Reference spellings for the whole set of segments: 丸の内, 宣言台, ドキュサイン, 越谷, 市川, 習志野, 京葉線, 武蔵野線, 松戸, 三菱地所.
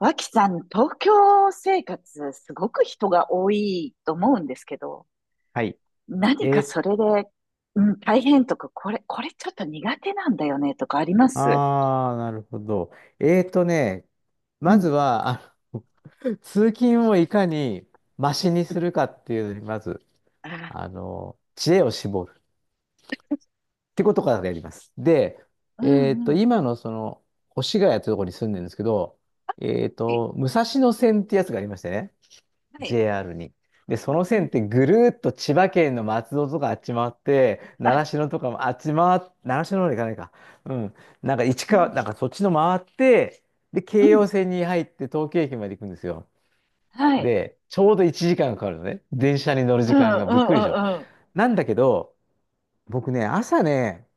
脇さん、東京生活、すごく人が多いと思うんですけど、はい。何かえそー、れで、うん、大変とか、これちょっと苦手なんだよね、とかあります。あー、なるほど。えーとね、うまずん。は、通勤をいかにマシにするかっていうのに、まず、ああ、知恵を絞るってことからやります。で、うんうん。今のその、越谷ってところに住んでるんですけど、はい、武蔵野線ってやつがありましてね。はい、JR に。で、うそんのう線ん。ってぐるーっと千葉県の松戸とかあっち回って、あ、習志野とかもあっち回っ、習志野の方に行かないか。うん。なんか市う川、ん、なんかそっちの回って、で、う京ん、葉線に入って東京駅まで行くんですよ。はい。で、ちょうど1時間かんかかるのね。電車に乗るうん、時う間ん、がびっくうりでしょ。ん、うん。なんだけど、僕ね、朝ね、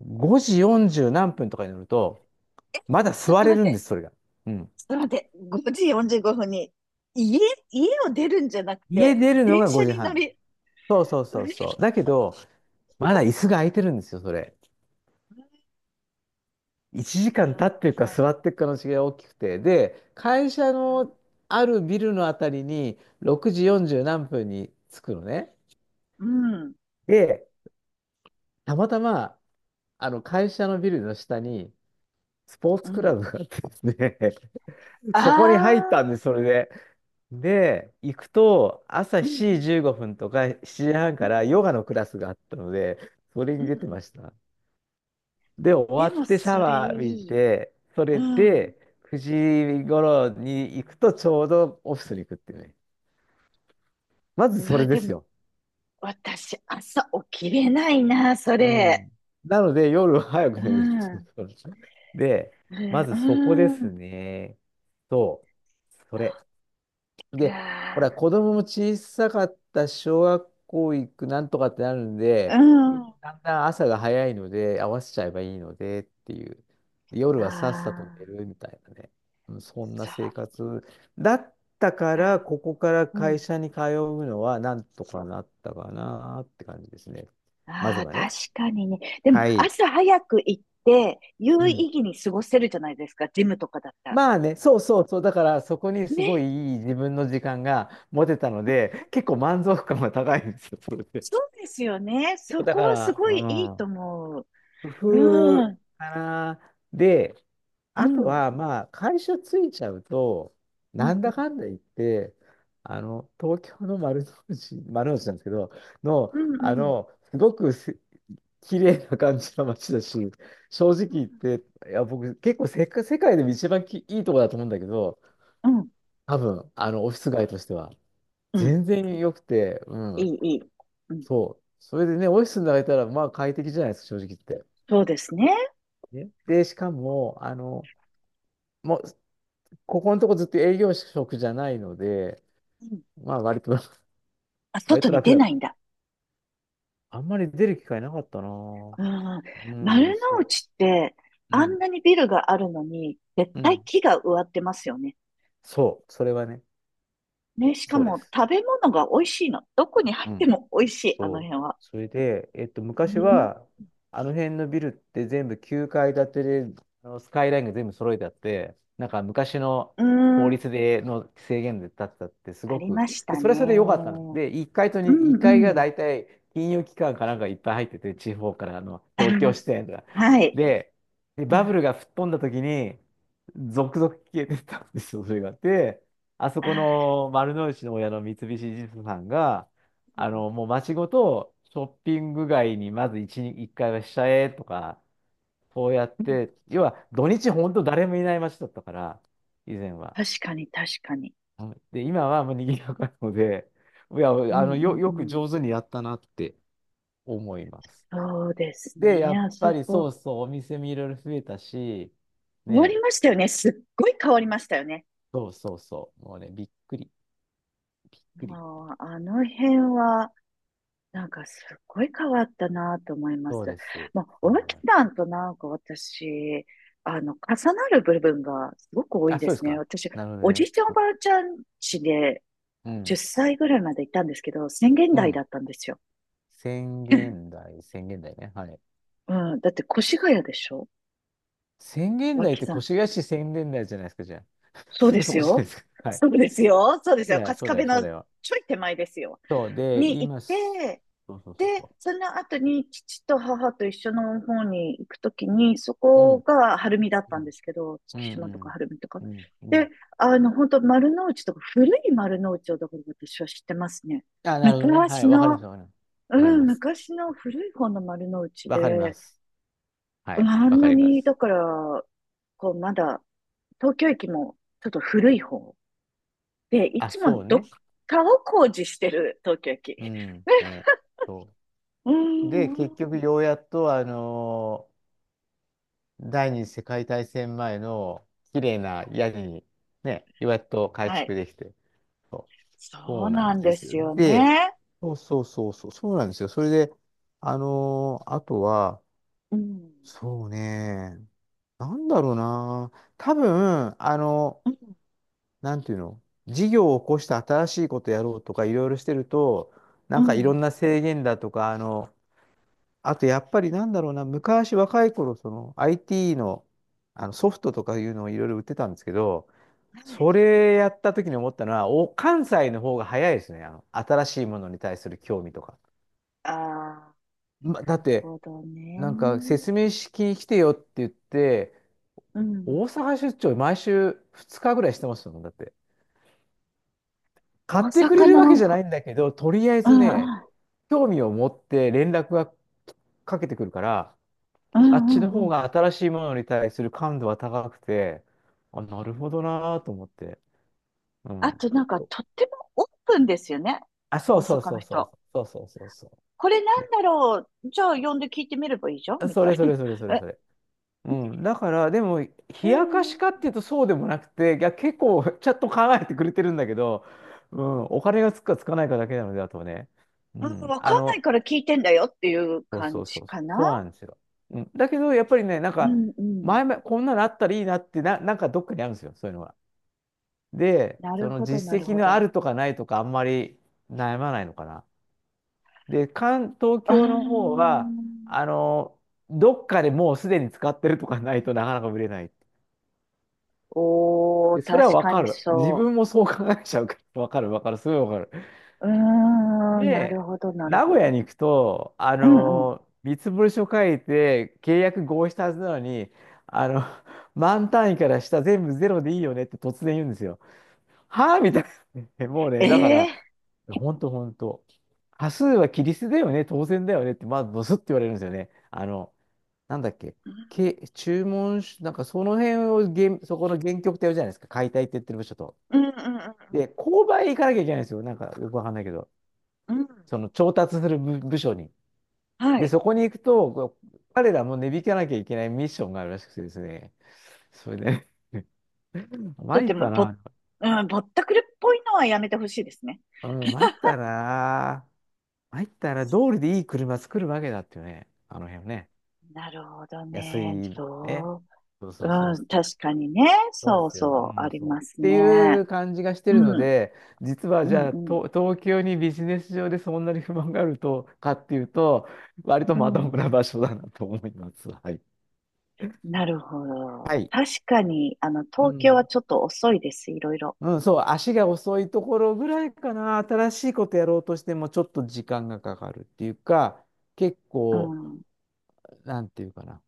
5時40何分とかに乗ると、え、ちまだょっ座とれ待っるんでて、す、それが。うん。ちょっと待って、5時45分に、家、家を出るんじゃなく家て、出るの電が車5に時乗半ね。り、そうそううそうっそう。だけど、まだ椅子が空いてるんですよ、それ。1な時間る立ってほるかど。座ってるかの違いが大きくて、で、会社のあるビルのあたりに6時40何分に着くのね。うん、で、たまたま、会社のビルの下にスポーうツクラん。ブがあってですね、あそこに入ったんです、そあ、れで。で、行くと、朝う7時ん15分とか7時半うんかうらヨんガのクラスがあったので、それうんにう出んうてまん。した。で、終わでもってシャそれワー浴びいい。て、そうれん。で、9時頃に行くとちょうどオフィスに行くっていうね。まずうそわ、れでですもよ。私朝起きれないな、そうれ。ん。なので、夜は早くう寝るっていう。ん。で、まずうそこでん。うすん、ね。そう。それ。そっで、ほか。ら、子供も小さかった小学校行くなんとかってなるんうで、みんん。なあだんだん朝が早いので、合わせちゃえばいいのでっていう。で夜あ、はさっさと寝るみたいなね。うんそんなそう生か。活だったから、ここからう会ん。社に通うのはなんとかなったかなって感じですね。まあずあ、は確ね。かにね。でもはい。朝早く行って、う有意ん。義に過ごせるじゃないですか、ジムとかだったら。まあね、そうそうそう。だから、そこにすごいね。いい自分の時間が持てたので、結構満足感が高いんですよ、それで。そうですよね。そだこかはすら、ごいいいとう思う。ん、工う夫ん。かな。で、うあとん。は、まあ、会社ついちゃうと、うなんんうだん。かんだ言って、東京の丸の内、丸の内なんですけど、の、うんうん。すごくす綺麗な感じの街だし、正直う言っんて、いや、僕、結構世界でも一番いいとこだと思うんだけど、うん。多分、オフィス街としては、うん。全然良くて、ういん、い、いい。うん。そう。それでね、オフィスになれたら、まあ、快適じゃないですか、正直言って。そうですね。ねで、しかも、もう、ここのとこずっと営業職じゃないので、うん。まあ、割と、あ、割外とに楽出だなっいんだ。た。あんまり出る機会なかったなぁ。うん。う丸ん、のそ内って、う。うあん、んなにビルがあるのに、絶う対ん。木が植わってますよね。そう、それはね、ね、しかそうでもす。食べ物が美味しいの。どこに入っうてん。も美味しい、あのそう。辺は。それで、う昔ん。は、あの辺のビルって全部9階建てで、あのスカイラインが全部揃えてあって、なんか昔のう法ん。律での制限で建てたって、すあごりく、ましで、たそね。れはそれで良かったの。で、1う階と2、ん1う階がん。大体金融機関かなんかいっぱい入ってて、地方からあのあ、東京支店とか。はい。で、うバブん。ルが吹っ飛んだ時に、続々消えてったんですよ、それが。で、あそこあの丸の内の親の三菱地所さんが、もうー、街ごとショッピング街にまず一日一回はしちゃえとか、そうやっうん、て、要は土日本当誰もいない街だったから、以前は。確かに、確かに。はい。で、今はもう賑やかなので、いや、うあんうの、んうよくん。上手にやったなって思います。そうですで、やね。っあぱそりこ、そうそう、お店もいろいろ増えたし、変わりね、ましたよね。すっごい変わりましたよね。そうそうそう、もうね、びっくり、びっくり。あの辺は、なんかすっごい変わったなと思いまそうす。です。まあ、そう思い脇まさす。んとなんか私、重なる部分がすごく多いあ、でそうですすね。か。私、なるほどおじね。いちゃんおうばあちゃん家でん。う10ん。歳ぐらいまでいたんですけど、宣言う台だん。ったんですよ。宣 言台、宣言台ね。はい。うん、だって越谷でしょ、宣言台っ脇てさん。越谷市宣言台じゃないですか、じゃあ。そうすでぐそすこじゃないよ。ですか。はい。そうですよ。そうですそうよ。だよ、春そう日だよ、部そうのだよ。ちょい手前ですよ。そう、で、に行っ今す、て、そうそうそうで、そその後に父と母と一緒の方に行くときに、そう。うこん。が晴海だっうたんでん。すけど、う月島とかん。晴海とか。うん。うで、ん。本当丸の内とか、古い丸の内をだから私は知ってますね。あ、なるほどね。は昔い。わかります、の、わかります。わかりうん、ます。昔の古い方の丸の内わかりまで、す。はうん、い。あわんかなりまに、す。だから、こう、まだ、東京駅もちょっと古い方で、いあ、つもそうどね。っかを工事してる東京駅。うん。ね。そうう。で、ん、結局、ん。ようやっと、第二次世界大戦前の綺麗な屋根にね、やっと改はい。築できて。そう、そそううななんんでですよ。すよで、ね。そうそうそうそう、そうなんですよ。それで、あとは、うん。そうね、なんだろうな、多分、うん。なんていうの、事業を起こして新しいことやろうとかいろいろしてると、うなんかいろん。んな制限だとか、あとやっぱりなんだろうな、昔若い頃、その IT の、あのソフトとかいうのをいろいろ売ってたんですけど、はい。それやった時に思ったのは、お、関西の方が早いですね。新しいものに対する興味とか。ああ、ま、なだっるて、ほどなんかね。説明式に来てよって言って、うん。大阪出張毎週2日ぐらいしてますもん、だって。大買ってくれ阪るわけの、じゃないんだけど、とりあえうずん、ね、うん、興味を持って連絡がかけてくるから、うん、あっうちのん、う方ん。が新しいものに対する感度は高くて、あ、なるほどなぁと思って。うあん。となんかとってもオープンですよね。あ、そ大うそう阪のそうそう人。そうそうそうそう。これなんだろう。じゃあ呼んで聞いてみればいいじゃんで、みそたれいそれそれそな。れえ、それ。うん。だから、でも、冷うやかしん。かっていうとそうでもなくて、いや、結構ちゃんと考えてくれてるんだけど、うん、お金がつくかつかないかだけなので、あとはね。ううん、ん。わかんないから聞いてんだよっていうそうそ感うそじうそう、かな。そうなんですよ。うん。だけど、やっぱりね、なんうか、んうん。前々、こんなのあったらいいなってな、なんかどっかにあるんですよ、そういうのが。で、なそるのほど、な実る績ほのあど。るとかないとかあんまり悩まないのかな。で、関東あー京の方は、ん。あの、どっかでもうすでに使ってるとかないとなかなか売れない。おー、で、それは確わかかにる。自そ分もそう考えちゃうから、わかるわかる、すごいわかる。う。うーん、なるで、ほど、なる名ほ古屋ど。に行くと、うんうん。見積書書いて契約合意したはずなのに、あの、万単位から下全部ゼロでいいよねって突然言うんですよ。はぁみたいな。もうね、だから、ええ、ほんとほんと。多数はキリストだよね、当然だよねって、まずドスって言われるんですよね。なんだっけ、注文し、なんかその辺を原、そこの原曲ってやるじゃないですか、解体って言ってる部署と。うんうんうんで、購買行かなきゃいけないんですよ。なんかよくわかんないけど、うん。うん、その調達する部署に。はで、い。そこに行くと、こう彼らも値引かなきゃいけないミッションがあるらしくてですね。それで、と参っても、たな。うん、ぼったくりっぽいのはやめてほしいですね。うん、参ったな。入ったら通りでいい車作るわけだってよね。あの辺ね。なるほど安いね。ね。そそうう。うそうそう。ん、そうで確すかよ。にね。そうそでうすよ。うそう、あん、りそう。っますていね。う感じがしてうるのん、で、実はうじん、ゃあ、うん、と東京にビジネス上でそんなに不満があるとかっていうと、割とうまん、とうもなん。場所だなと思います。はい。なるほど。はい。確かに、う東京はん。ちょっと遅いです、いろいろ。うん、そう、足が遅いところぐらいかな。新しいことやろうとしても、ちょっと時間がかかるっていうか、結う構、ん。なんていうかな。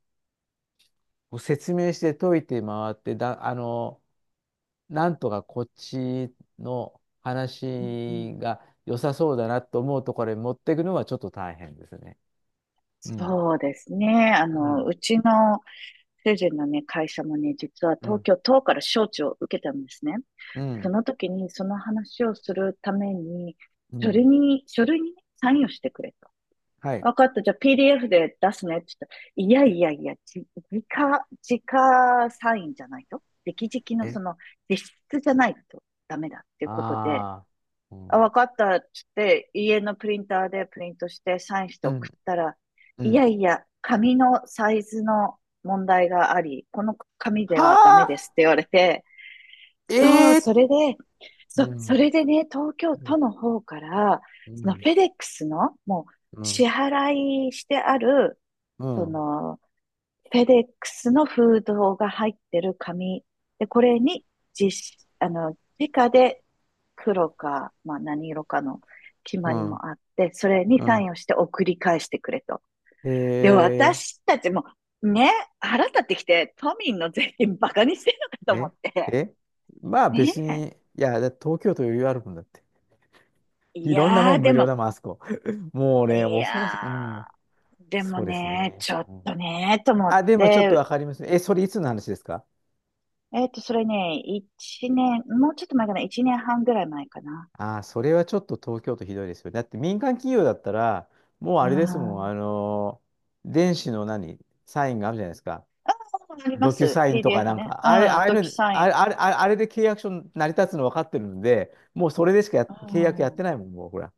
こう説明して解いて回って、なんとかこっちのうんうん。話が良さそうだなと思うところに持っていくのはちょっと大変ですね。うん。そうですね。うん。うちの主人のね、会社もね、実はう東ん。京都から招致を受けたんですね。うそん。の時に、その話をするために、う書類ん。に、書類にねサインをしてくれと。はい。わかった、じゃあ PDF で出すねって言ったら、いやいやいや、直サインじゃないと。直々のえ、実質じゃないとダメだっていうことで、ああ。うあ、わん。かったっつって、家のプリンターでプリントしてサインしてう送ん。ったら、ういん。やいや、紙のサイズの問題があり、この紙はではダメであ、すって言われて、ええそう、それで、うん。ね、東京う都ん。の方から、うそのフん。ェデックスの、もううん。支払いしてある、うそん。の、フェデックスの封筒が入ってる紙。で、これに実、あの、直で黒か、まあ何色かの決まうりん。もあって、それにうサイんンをして送り返してくれと。で、え私たちも、ね、腹立ってきて、都民の税金バカにしてるのかと思えって。え、え、まあ別ねに、いや、だって東京都余裕あるもんだって。え。いいろんなやもー、んで無料も、だもん、あそこ。もうね、い恐ろしい。うやん。そうですね、ね。ちょっうとん、ね、と思っあ、でもちょっとて、わかりますね。え、それいつの話ですか？それね、一年、もうちょっと前かな、1年半ぐらい前かな。ああ、それはちょっと東京都ひどいですよ。だって民間企業だったら、もうあれですもん、あ電子の何、サインがあるじゃないですか。あ、ありまドキュす。サインとか PDF なんね。か、うあれ、あん、あいうドキの、ュサイあン。れ、あれ、あれあれで契約書成り立つの分かってるんで、もうそれでしかやう契約やっん。てないもん、もうほら。